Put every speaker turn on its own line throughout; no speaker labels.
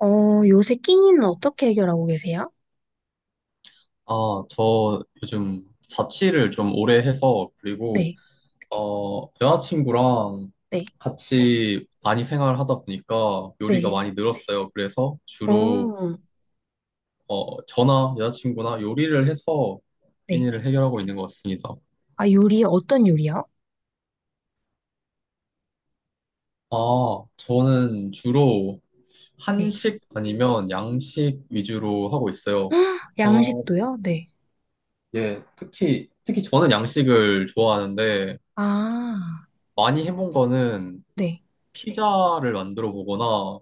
요새 끼니는 어떻게 해결하고 계세요?
아, 저 요즘 자취를 좀 오래 해서 그리고
네,
여자친구랑
네,
같이 많이 생활하다 보니까 요리가
네.
많이 늘었어요. 그래서 주로
어,
저나 여자친구나 요리를 해서
네.
끼니를 해결하고 있는 것 같습니다.
아, 요리, 어떤 요리요?
아, 저는 주로
네.
한식 아니면 양식 위주로 하고 있어요. 어,
양식도요? 네.
예, 특히 저는 양식을 좋아하는데
아,
많이 해본 거는
네.
피자를 만들어 보거나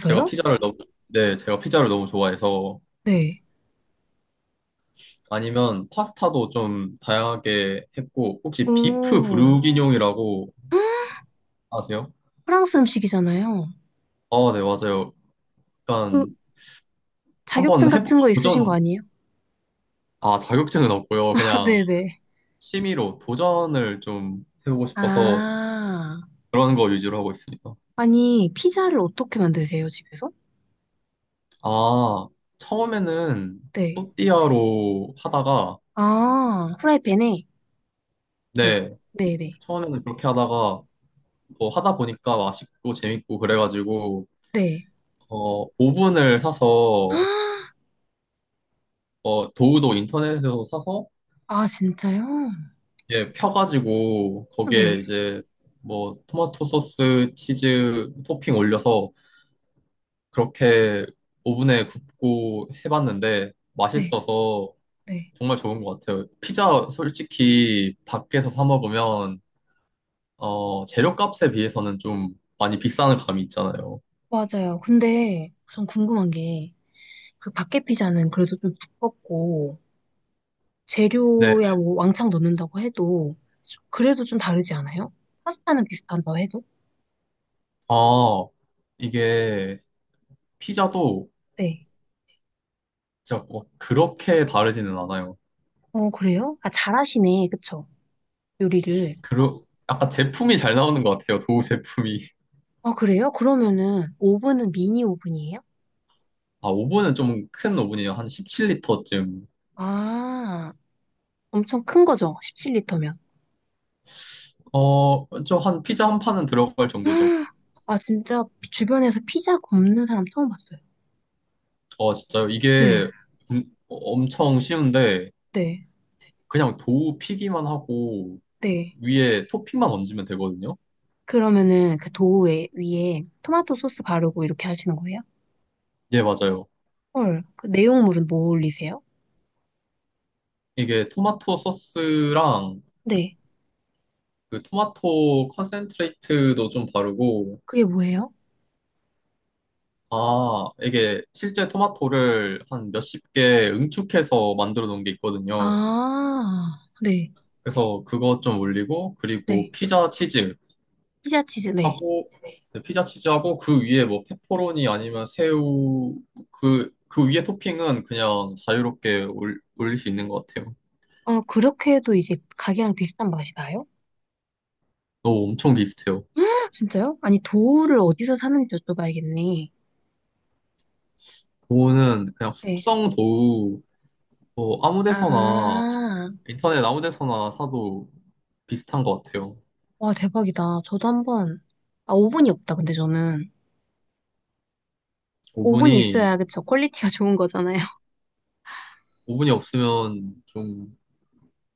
제가 피자를 너무 네, 제가 피자를 너무 좋아해서
네.
아니면 파스타도 좀 다양하게 했고 혹시 비프
오,
브루기뇽이라고 아세요?
프랑스 음식이잖아요.
아, 네, 맞아요.
그,
약간
자격증
한번 해보
같은 거 있으신 거
도전.
아니에요?
아, 자격증은 없고요. 그냥
네네.
취미로 도전을 좀 해보고 싶어서
아,
그런 거 위주로 하고 있습니다.
아니, 피자를 어떻게 만드세요, 집에서?
아, 처음에는
네.
또띠아로 하다가
아, 프라이팬에? 네.
네,
네네.
처음에는 그렇게 하다가 뭐 하다 보니까 맛있고 재밌고 그래가지고
네.
어 오븐을 사서
아,
어 도우도 인터넷에서 사서
아, 진짜요?
예 펴가지고 거기에
네.
이제 뭐 토마토 소스 치즈 토핑 올려서 그렇게 오븐에 굽고 해봤는데
네,
맛있어서
네.
정말 좋은 것 같아요. 피자 솔직히 밖에서 사 먹으면 어 재료값에 비해서는 좀 많이 비싼 감이 있잖아요.
맞아요. 근데 전 궁금한 게, 그 밖에 피자는 그래도 좀 두껍고,
네.
재료야 뭐 왕창 넣는다고 해도, 그래도 좀 다르지 않아요? 파스타는 비슷한다고 해도?
아 이게 피자도
네.
진짜 뭐 그렇게 다르지는 않아요.
그래요? 아, 잘하시네. 그쵸? 요리를.
그러, 약간 제품이 잘 나오는 것 같아요. 도우 제품이.
아, 그래요? 그러면은, 오븐은 미니 오븐이에요?
아, 오븐은 좀 큰 오븐이에요. 한 17L쯤.
아, 엄청 큰 거죠? 17리터면.
어, 저 한 피자 한 판은 들어갈 정도죠.
아, 진짜 주변에서 피자 굽는 사람 처음 봤어요.
아, 진짜요.
네,
이게 음, 엄청 쉬운데
네,
그냥 도우 피기만 하고
네.
위에 토핑만 얹으면 되거든요.
그러면은 그 도우 위에 토마토 소스 바르고 이렇게 하시는 거예요?
예, 맞아요.
헐, 그 내용물은 뭐 올리세요?
이게 토마토 소스랑
네,
그 토마토 컨센트레이트도 좀 바르고
그게 뭐예요?
아, 이게 실제 토마토를 한 몇십 개 응축해서 만들어 놓은 게 있거든요.
아, 네,
그래서 그거 좀 올리고, 그리고
네.
피자 치즈
피자 치즈, 네.
하고, 네, 피자 치즈하고, 그 위에 뭐 페퍼로니 아니면 새우, 그, 그 위에 토핑은 그냥 자유롭게 올릴 수 있는 것 같아요.
그렇게 해도 이제 가게랑 비슷한 맛이 나요?
너무 엄청 비슷해요.
진짜요? 아니, 도우를 어디서 사는지 여쭤봐야겠네.
그거는 그냥
네.
숙성 도우, 뭐 아무 데서나,
아,
인터넷 아무 데서나 사도 비슷한 것 같아요.
와, 대박이다. 저도 한번, 아, 오븐이 없다, 근데 저는. 오븐이
오븐이,
있어야, 그쵸? 퀄리티가 좋은 거잖아요.
오븐이 없으면 좀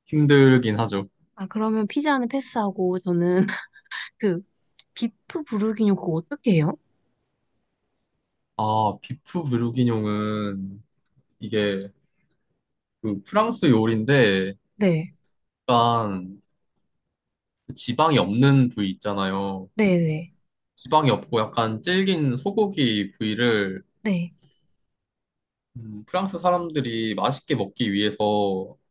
힘들긴 하죠.
아, 그러면 피자는 패스하고, 저는 그 비프 부르기뇨 그거 어떻게 해요?
아, 비프 브루기뇽은 이게 그 프랑스 요리인데
네,
약간 그 지방이 없는 부위 있잖아요.
네, 네,
지방이 없고 약간 질긴 소고기 부위를
네,
프랑스 사람들이 맛있게 먹기 위해서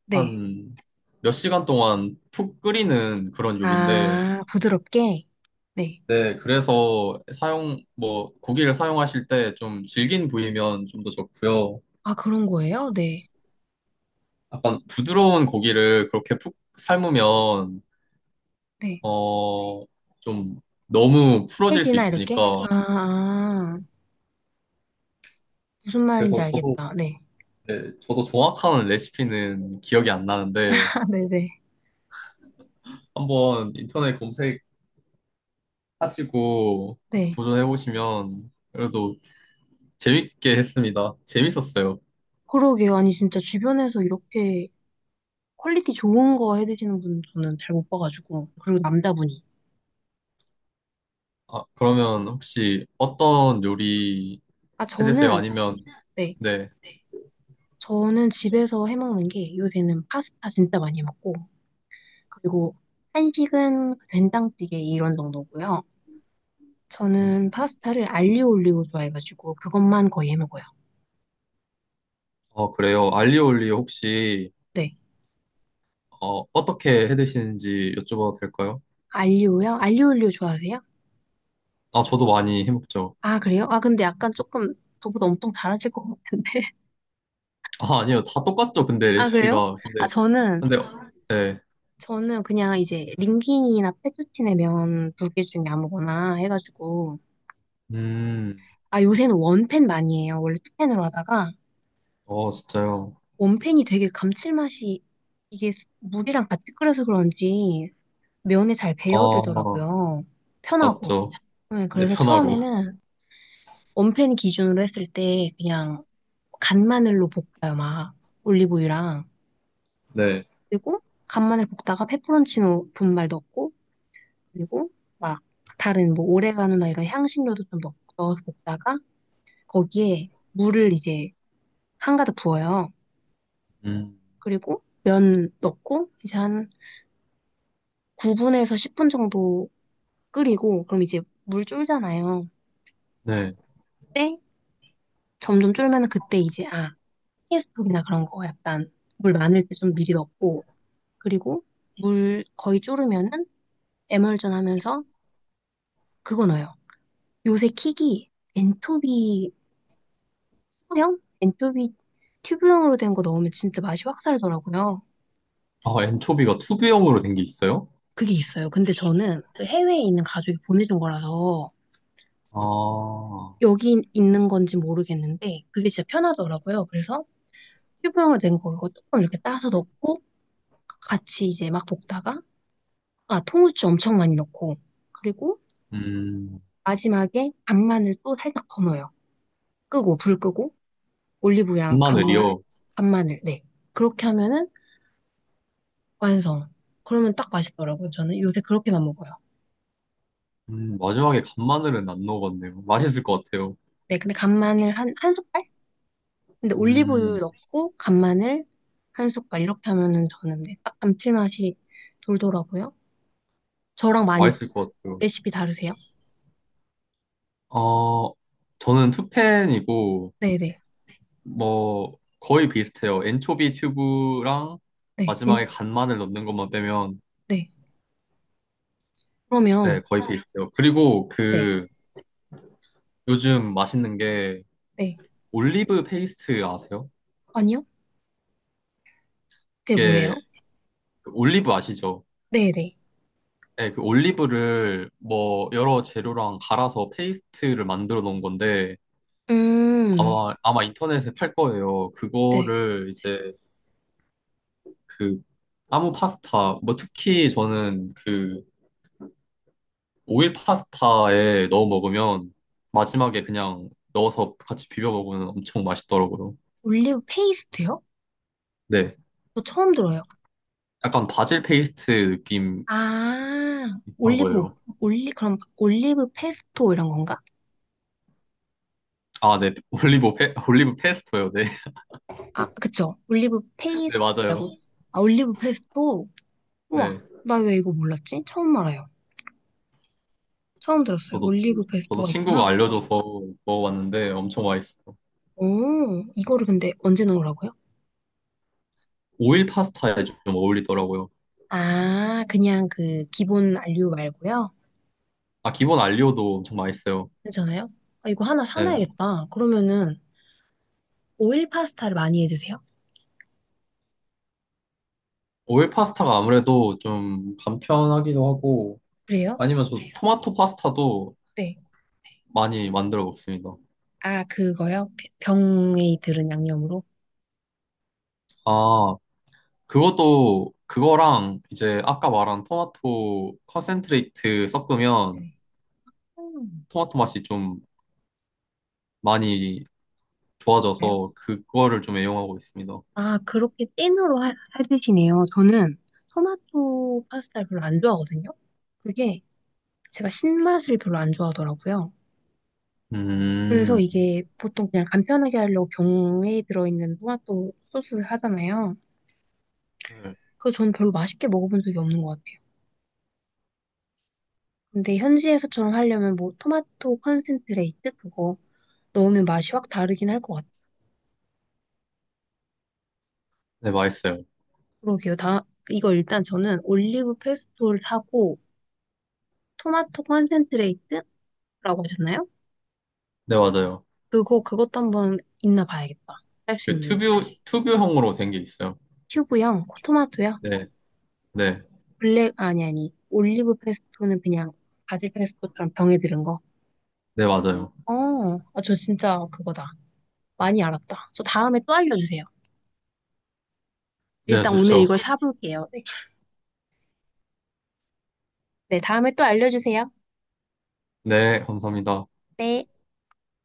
네.
한 몇 시간 동안 푹 끓이는 그런 요리인데
아, 부드럽게? 네.
네, 그래서 사용 뭐 고기를 사용하실 때 좀 질긴 부위면 좀 더 좋고요.
아, 그런 거예요? 네.
약간 부드러운 고기를 그렇게 푹 삶으면
네.
어, 좀 너무 풀어질 수
해지나 이렇게?
있으니까.
아, 아, 무슨 말인지
그래서 저도,
알겠다. 네.
네, 저도 정확한 레시피는 기억이 안 나는데,
아, 네, 네,
한번 인터넷 검색하시고
네.
도전해보시면 그래도 재밌게 했습니다. 재밌었어요.
그러게요. 아니, 진짜 주변에서 이렇게 퀄리티 좋은 거 해드시는 분 저는 잘 못 봐가지고. 그리고 남자분이.
아, 그러면 혹시 어떤 요리
아,
해드세요?
저는,
아니면,
네.
네.
저는 집에서 해먹는 게 요새는 파스타 진짜 많이 해 먹고, 그리고 한식은 된장찌개 이런 정도고요.
음,
저는 파스타를 알리오 올리오 좋아해가지고 그것만 거의 해먹어요.
어, 그래요. 알리올리 혹시,
네.
어, 어떻게 해드시는지 여쭤봐도 될까요?
알리오요? 알리오 올리오 좋아하세요?
아, 저도 많이 해먹죠.
아, 그래요? 아, 근데 약간 조금 저보다 엄청 잘하실 것 같은데.
아, 아니요. 다 똑같죠. 근데
아, 그래요?
레시피가.
아,
근데,
저는,
근데, 네.
저는 그냥 이제 링귀니나 페투치네 면 2개 중에 아무거나 해가지고.
음,
아, 요새는 원팬 많이 해요. 원래 투팬으로 하다가
어, 진짜요.
원팬이 되게 감칠맛이 이게 물이랑 같이 끓여서 그런지 면에 잘
아,
배어들더라고요. 편하고.
맞죠.
네,
네,
그래서
편하고.
처음에는 원팬 기준으로 했을 때 그냥 간마늘로 볶아요, 막. 올리브유랑.
네.
그리고 간마늘 볶다가 페퍼론치노 분말 넣고, 그리고 막 다른 뭐 오레가노나 이런 향신료도 좀 넣어서 볶다가 거기에 물을 이제 한가득 부어요.
음,
그리고 면 넣고 이제 한 9분에서 10분 정도 끓이고, 그럼 이제 물 쫄잖아요.
네.
그때 점점 쫄면 그때 이제 피스톡이나 그런 거 약간 물 많을 때 좀 미리 넣고 그리고 물 거의 졸으면은 에멀전 하면서 그거 넣어요. 요새 킥이 엔초비 소형? 엔초비 튜브형으로 된 거 넣으면 진짜 맛이 확 살더라고요.
아, 엔초비가 투브형으로 된 게 있어요?
그게 있어요. 근데 저는 그 해외에 있는 가족이 보내준 거라서
아,
여기 있는 건지 모르겠는데 그게 진짜 편하더라고요. 그래서 튜브형으로 된 거 그거 조금 이렇게 따서 넣고 같이 이제 막 볶다가 통후추 엄청 많이 넣고 그리고
음,
마지막에 간마늘 또 살짝 더 넣어요. 끄고, 불 끄고, 올리브유랑
간마늘이요.
간마늘, 네. 그렇게 하면은 완성. 그러면 딱 맛있더라고요. 저는 요새 그렇게만 먹어요.
마지막에 간마늘은 안 넣어봤네요. 맛있을 것 같아요.
네, 근데 간마늘 한 숟갈? 근데
음,
올리브유 넣고, 간마늘 1숟갈. 이렇게 하면은 저는 네, 딱 감칠맛이 돌더라고요. 저랑 많이
맛있을 것 같아요.
레시피 다르세요?
어, 저는 투펜이고,
네네. 네.
뭐, 거의 비슷해요. 엔초비 튜브랑
네,
마지막에 간마늘 넣는 것만 빼면
네.
네,
그러면,
거의 어. 페이스트요. 그리고
네.
그 요즘 맛있는 게
네.
올리브 페이스트 아세요?
아니요? 그게 뭐예요?
이게 그 올리브 아시죠?
네네.
네, 그 올리브를 뭐 여러 재료랑 갈아서 페이스트를 만들어 놓은 건데
음,
아마 인터넷에 팔 거예요.
네.
그거를 이제 그 아무 파스타 뭐 특히 저는 그 오일 파스타에 넣어 먹으면 마지막에 그냥 넣어서 같이 비벼 먹으면 엄청 맛있더라고요.
올리브 페이스트요?
네.
저 처음 들어요.
약간 바질 페이스트
아,
비슷한
올리브,
거예요.
그럼 올리브 페스토 이런 건가?
아, 네. 올리브 페스토요. 네.
아, 그쵸. 올리브
네,
페이스토
맞아요.
말고. 아, 올리브 페스토? 우와,
네.
나 왜 이거 몰랐지? 처음 알아요. 처음 들었어요.
저도 친,
올리브
저도
페스토가 있구나.
친구가 알려줘서 먹어봤는데 엄청 맛있어요.
오, 이거를 근데 언제 넣으라고요?
오일 파스타에 좀 어울리더라고요.
아, 그냥 그 기본 알류 말고요.
아, 기본 알리오도 엄청 맛있어요.
괜찮아요? 아, 이거 하나
네.
사놔야겠다. 그러면은 오일 파스타를 많이 해 드세요?
오일 파스타가 아무래도 좀 간편하기도 하고
그래요?
아니면 저 토마토 파스타도
네.
많이 만들어 먹습니다.
아, 그거요? 병- 병에 들은 양념으로?
아, 그것도 그거랑 이제 아까 말한 토마토 컨센트레이트 섞으면
네. 음.
토마토 맛이 좀 많이
가요?
좋아져서 그거를 좀 애용하고 있습니다.
아, 그렇게 찐으로 하시네요. 저는 토마토 파스타를 별로 안 좋아하거든요. 그게 제가 신맛을 별로 안 좋아하더라고요. 그래서
음,
이게 보통 그냥 간편하게 하려고 병에 들어있는 토마토 소스 하잖아요.
네,
그래서 저는 별로 맛있게 먹어본 적이 없는 것 같아요. 근데 현지에서처럼 하려면 뭐 토마토 컨센트레이트 그거 넣으면 맛이 확 다르긴 할 것 같아요.
네, 맛있어요.
그러게요. 이거 일단 저는 올리브 페스토를 사고 토마토 컨센트레이트라고 하셨나요?
네, 맞아요.
그거 그것도 한번 있나 봐야겠다. 할 수 있는지.
튜브형으로 된 게 있어요.
큐브형, 토마토요?
네, 네,
아니, 아니. 올리브 페스토는 그냥 바질 페스토처럼 병에 들은 거.
네, 맞아요.
어, 저 진짜 그거다. 많이 알았다. 저 다음에 또 알려주세요.
네,
일단 오늘
좋죠.
이걸 사볼게요. 네, 다음에 또 알려주세요.
네, 감사합니다.
네.